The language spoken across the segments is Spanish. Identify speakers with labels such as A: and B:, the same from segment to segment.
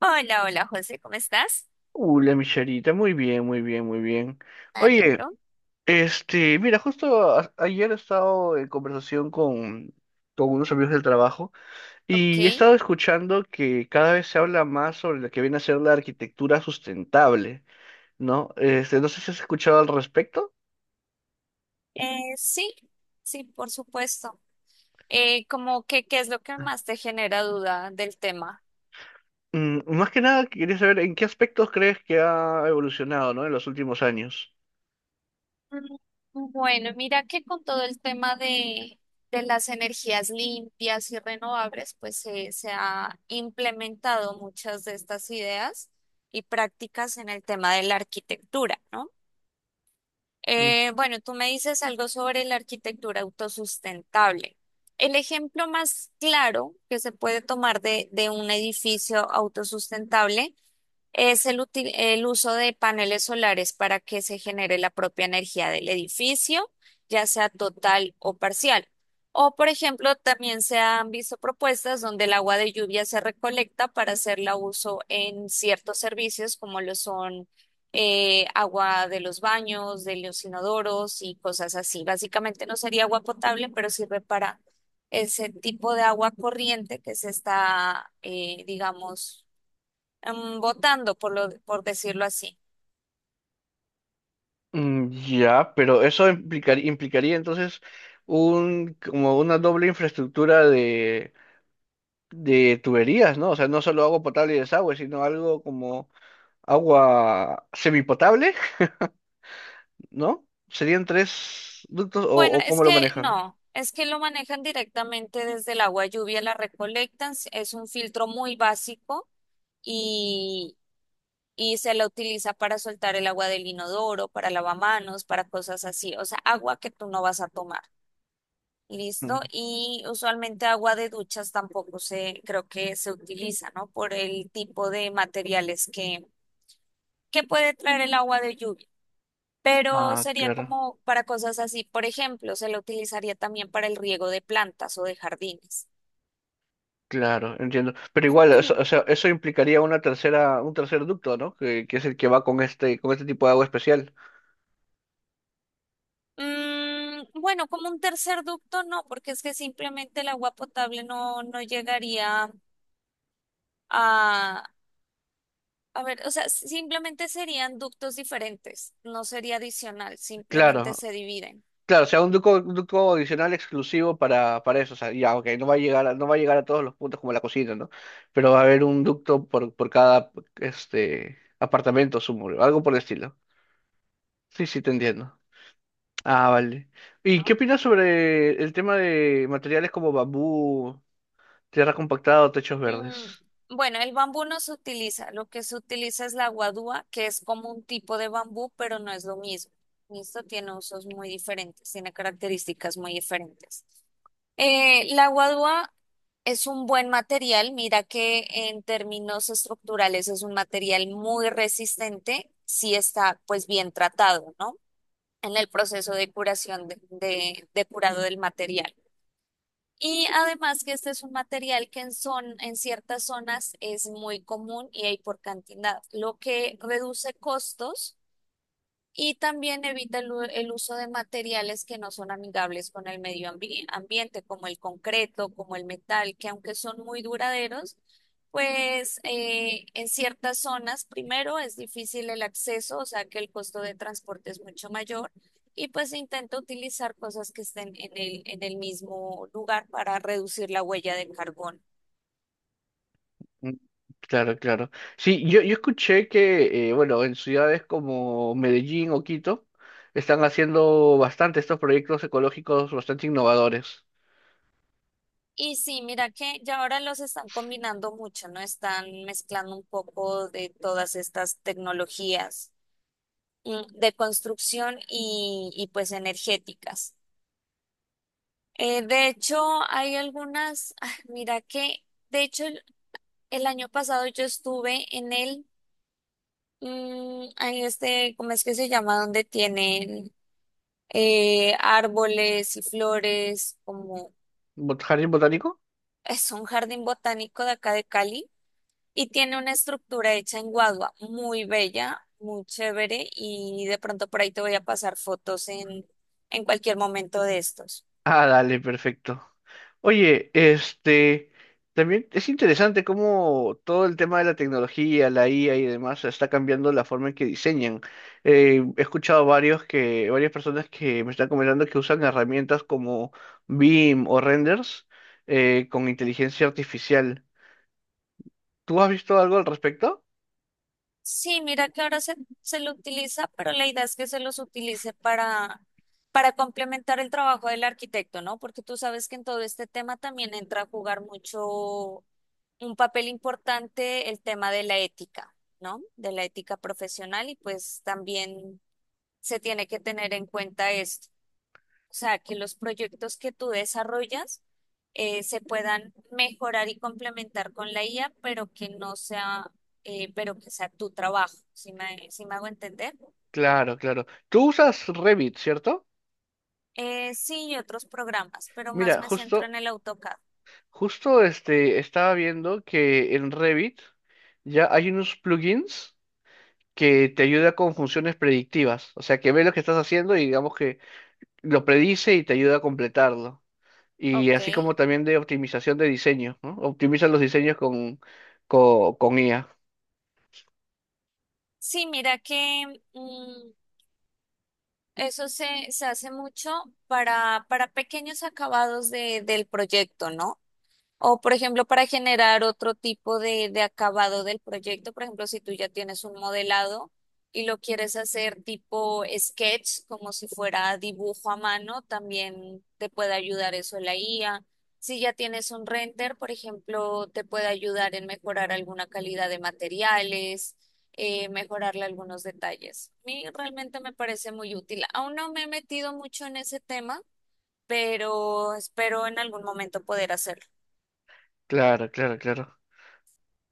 A: Hola, hola José, ¿cómo estás?
B: La micharita, muy bien, muy bien, muy bien.
A: Me
B: Oye,
A: alegro.
B: este, mira, justo ayer he estado en conversación con unos amigos del trabajo
A: Ok.
B: y he estado escuchando que cada vez se habla más sobre lo que viene a ser la arquitectura sustentable, ¿no? Este, no sé si has escuchado al respecto.
A: Sí, sí, por supuesto. Como que, ¿qué es lo que más te genera duda del tema?
B: Más que nada, quería saber en qué aspectos crees que ha evolucionado, ¿no? En los últimos años.
A: Mm, Bueno, mira que con todo el tema de las energías limpias y renovables, pues se ha implementado muchas de estas ideas y prácticas en el tema de la arquitectura, ¿no? Bueno, tú me dices algo sobre la arquitectura autosustentable. El ejemplo más claro que se puede tomar de un edificio autosustentable es el, el uso de paneles solares para que se genere la propia energía del edificio, ya sea total o parcial. O, por ejemplo, también se han visto propuestas donde el agua de lluvia se recolecta para hacerla uso en ciertos servicios, como lo son agua de los baños, de los inodoros y cosas así. Básicamente no sería agua potable, pero sirve para ese tipo de agua corriente que se está, digamos, votando, por lo, por decirlo así.
B: Ya, pero eso implicaría entonces un como una doble infraestructura de tuberías, ¿no? O sea, no solo agua potable y desagüe, sino algo como agua semipotable, ¿no? ¿Serían tres ductos o,
A: Bueno,
B: o
A: es
B: cómo
A: que
B: lo manejan?
A: no, es que lo manejan directamente desde el agua lluvia, la recolectan, es un filtro muy básico y, y se la utiliza para soltar el agua del inodoro, para lavamanos, para cosas así, o sea, agua que tú no vas a tomar.
B: Mm.
A: ¿Listo? Y usualmente agua de duchas tampoco se, creo que se utiliza, ¿no? Por el tipo de materiales que puede traer el agua de lluvia. Pero
B: Ah,
A: sería
B: claro,
A: como para cosas así. Por ejemplo, se lo utilizaría también para el riego de plantas o de jardines.
B: claro, entiendo. Pero igual, eso, o sea, eso implicaría una tercera, un tercer ducto, ¿no? Que es el que va con este tipo de agua especial.
A: Bueno, como un tercer ducto no, porque es que simplemente el agua potable no, no llegaría a... A ver, o sea, si, simplemente serían ductos diferentes, no sería adicional, simplemente
B: Claro,
A: se dividen.
B: claro, o sea, un ducto adicional exclusivo para eso. O sea, ya, ok, no va a llegar a, no va a llegar a todos los puntos como la cocina, ¿no? Pero va a haber un ducto por cada este apartamento, sumo, algo por el estilo. Sí, sí, te entiendo. Ah, vale. ¿Y qué
A: ¿No?
B: opinas sobre el tema de materiales como bambú, tierra compactada o techos
A: Mm,
B: verdes?
A: Bueno, el bambú no se utiliza, lo que se utiliza es la guadúa, que es como un tipo de bambú, pero no es lo mismo. Esto tiene usos muy diferentes, tiene características muy diferentes. La guadúa es un buen material, mira que en términos estructurales es un material muy resistente si está pues bien tratado, ¿no? En el proceso de curación, de, de curado del material. Y además que este es un material que en, en ciertas zonas es muy común y hay por cantidad, lo que reduce costos y también evita el, el uso de materiales que no son amigables con el medio ambiente, como el concreto, como el metal, que aunque son muy duraderos, pues en ciertas zonas, primero, es difícil el acceso, o sea que el costo de transporte es mucho mayor. Y pues intenta utilizar cosas que estén en el mismo lugar para reducir la huella del carbón.
B: Mm, claro, claro. Sí, yo escuché que, bueno, en ciudades como Medellín o Quito están haciendo bastante estos proyectos ecológicos bastante innovadores.
A: Y sí, mira que ya ahora los están combinando mucho, ¿no? Están mezclando un poco de todas estas tecnologías de construcción y pues energéticas. De hecho, hay algunas, ah, mira que, de hecho, el año pasado yo estuve en el, ahí este, ¿cómo es que se llama? Donde tienen árboles y flores, como
B: ¿Jardín botánico?
A: es un jardín botánico de acá de Cali. Y tiene una estructura hecha en Guadua, muy bella, muy chévere, y de pronto por ahí te voy a pasar fotos en cualquier momento de estos.
B: Ah, dale, perfecto. Oye, este, también es interesante cómo todo el tema de la tecnología, la IA y demás está cambiando la forma en que diseñan. He escuchado varios que, varias personas que me están comentando que usan herramientas como BIM o renders con inteligencia artificial. ¿Tú has visto algo al respecto?
A: Sí, mira que ahora se, se lo utiliza, pero la idea es que se los utilice para complementar el trabajo del arquitecto, ¿no? Porque tú sabes que en todo este tema también entra a jugar mucho un papel importante el tema de la ética, ¿no? De la ética profesional y pues también se tiene que tener en cuenta esto. O sea, que los proyectos que tú desarrollas se puedan mejorar y complementar con la IA, pero que no sea, pero que sea tu trabajo, si me, si me hago entender.
B: Claro, claro. Tú usas Revit, ¿cierto?
A: Sí, y otros programas, pero más
B: Mira,
A: me centro en el AutoCAD.
B: Justo, este, estaba viendo que en Revit ya hay unos plugins que te ayuda con funciones predictivas. O sea, que ve lo que estás haciendo y digamos que lo predice y te ayuda a completarlo. Y
A: Ok.
B: así como también de optimización de diseño, ¿no? Optimiza los diseños con IA.
A: Sí, mira que mm, eso se, se hace mucho para pequeños acabados de, del proyecto, ¿no? O, por ejemplo, para generar otro tipo de acabado del proyecto, por ejemplo, si tú ya tienes un modelado y lo quieres hacer tipo sketch, como si fuera dibujo a mano, también te puede ayudar eso la IA. Si ya tienes un render, por ejemplo, te puede ayudar en mejorar alguna calidad de materiales, mejorarle algunos detalles. A mí realmente me parece muy útil. Aún no me he metido mucho en ese tema, pero espero en algún momento poder hacerlo.
B: Claro, claro, claro.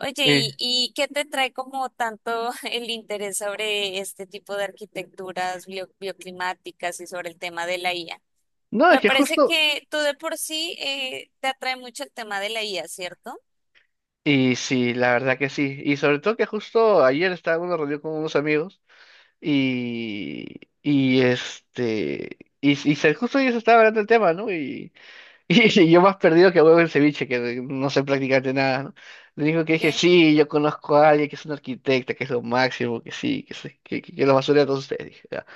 A: Oye,
B: Eh,
A: y qué te trae como tanto el interés sobre este tipo de arquitecturas bioclimáticas y sobre el tema de la IA?
B: no, es
A: Me
B: que
A: parece
B: justo.
A: que tú de por sí te atrae mucho el tema de la IA, ¿cierto?
B: Y sí, la verdad que sí. Y sobre todo que justo ayer estaba en una reunión con unos amigos. Y, y y justo ellos estaban hablando del tema, ¿no? Y y yo más perdido que huevo en ceviche, que no sé prácticamente nada, ¿no? Le dijo que
A: Ok.
B: dije, sí, yo conozco a alguien que es un arquitecta, que es lo máximo, que sí, que, se- que lo basura de todos ustedes, dije, ya.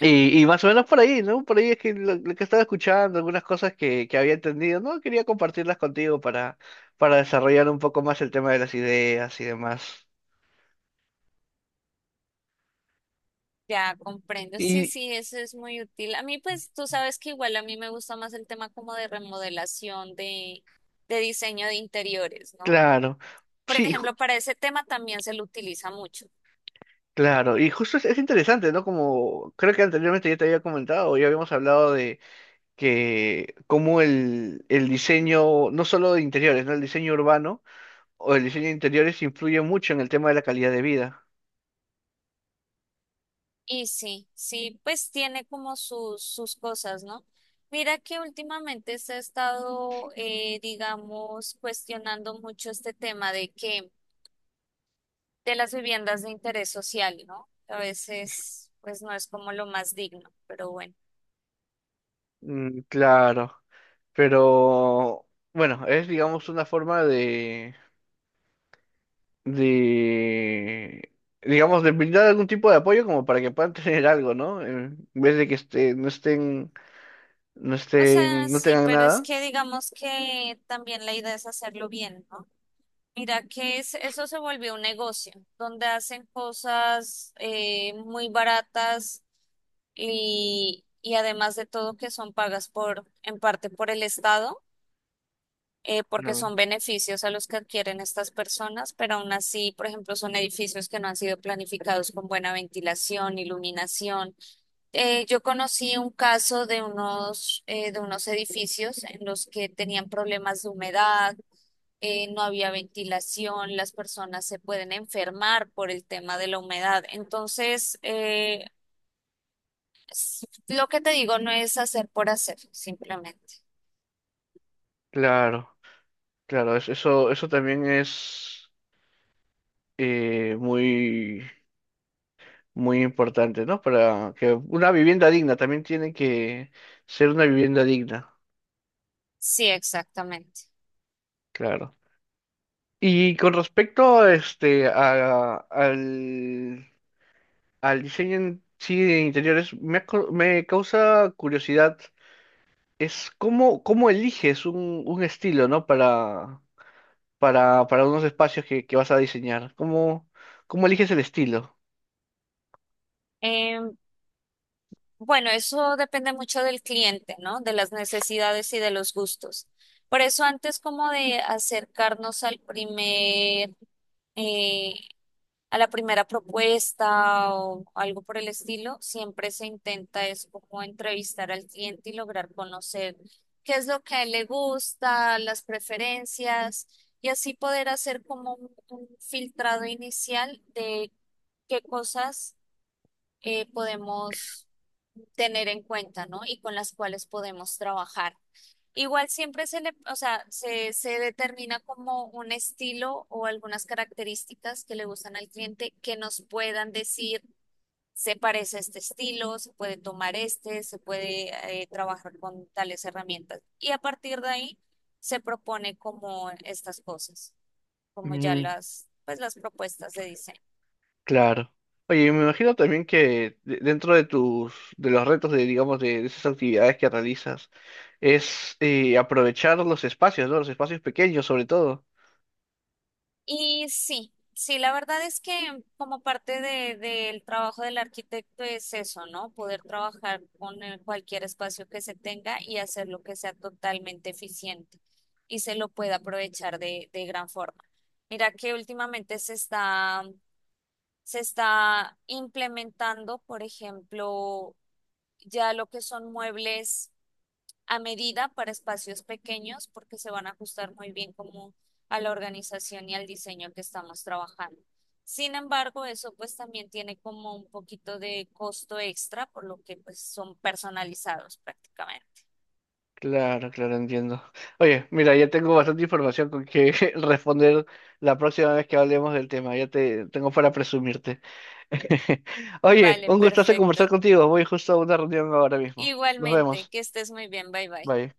B: Y más o menos por ahí, ¿no? Por ahí es que lo que estaba escuchando, algunas cosas que había entendido, ¿no? Quería compartirlas contigo para desarrollar un poco más el tema de las ideas y demás.
A: Ya comprendo, sí,
B: Y
A: sí, eso es muy útil. A mí, pues, tú sabes que igual a mí me gusta más el tema como de remodelación, de diseño de interiores, ¿no?
B: claro.
A: Por
B: Sí,
A: ejemplo, para ese tema también se lo utiliza mucho.
B: claro, y justo es interesante, ¿no? Como creo que anteriormente ya te había comentado, ya habíamos hablado de que cómo el diseño, no solo de interiores, ¿no? El diseño urbano o el diseño de interiores influye mucho en el tema de la calidad de vida.
A: Y sí, sí, pues tiene como sus, sus cosas, ¿no? Mira que últimamente se ha estado, digamos, cuestionando mucho este tema de que, de las viviendas de interés social, ¿no? A veces, pues, no es como lo más digno, pero bueno.
B: Claro, pero bueno, es digamos una forma de, digamos, de brindar algún tipo de apoyo como para que puedan tener algo, ¿no? En vez de que esté, no estén, no
A: O sea,
B: estén, no
A: sí,
B: tengan
A: pero es
B: nada.
A: que digamos que también la idea es hacerlo bien, ¿no? Mira que eso se volvió un negocio, donde hacen cosas muy baratas y además de todo que son pagas por, en parte por el Estado, porque
B: Claro.
A: son beneficios a los que adquieren estas personas, pero aún así, por ejemplo, son edificios que no han sido planificados con buena ventilación, iluminación, yo conocí un caso de unos edificios en los que tenían problemas de humedad, no había ventilación, las personas se pueden enfermar por el tema de la humedad. Entonces, lo que te digo no es hacer por hacer, simplemente.
B: Claro. Claro, eso también es muy, muy importante, ¿no? Para que una vivienda digna también tiene que ser una vivienda digna,
A: Sí, exactamente.
B: claro. Y con respecto a este, al diseño en sí de interiores, me, me causa curiosidad, es cómo eliges un estilo, ¿no? Para unos espacios que vas a diseñar. ¿Cómo eliges el estilo?
A: Eh, bueno, eso depende mucho del cliente, ¿no? De las necesidades y de los gustos. Por eso antes como de acercarnos al primer... eh, a la primera propuesta o algo por el estilo, siempre se intenta es como entrevistar al cliente y lograr conocer qué es lo que a él le gusta, las preferencias y así poder hacer como un filtrado inicial de qué cosas podemos tener en cuenta, ¿no? Y con las cuales podemos trabajar. Igual siempre se le, o sea, se determina como un estilo o algunas características que le gustan al cliente que nos puedan decir, se parece a este estilo, se puede tomar este, se puede trabajar con tales herramientas. Y a partir de ahí se propone como estas cosas, como ya las, pues las propuestas de diseño.
B: Claro. Oye, me imagino también que dentro de tus, de los retos de, digamos, de esas actividades que realizas, es aprovechar los espacios, ¿no? Los espacios pequeños, sobre todo.
A: Y sí, sí, la verdad es que como parte de, del trabajo del arquitecto es eso, ¿no? Poder trabajar con cualquier espacio que se tenga y hacerlo que sea totalmente eficiente y se lo pueda aprovechar de gran forma. Mira que últimamente se está implementando, por ejemplo, ya lo que son muebles a medida para espacios pequeños porque se van a ajustar muy bien como a la organización y al diseño que estamos trabajando. Sin embargo, eso pues también tiene como un poquito de costo extra, por lo que pues son personalizados prácticamente.
B: Claro, claro, entiendo. Oye, mira, ya tengo bastante información con que responder la próxima vez que hablemos del tema. Ya te tengo para presumirte. Oye,
A: Vale,
B: un gustazo
A: perfecto.
B: conversar contigo. Voy justo a una reunión ahora mismo. Nos
A: Igualmente,
B: vemos.
A: que estés muy bien, bye bye.
B: Bye.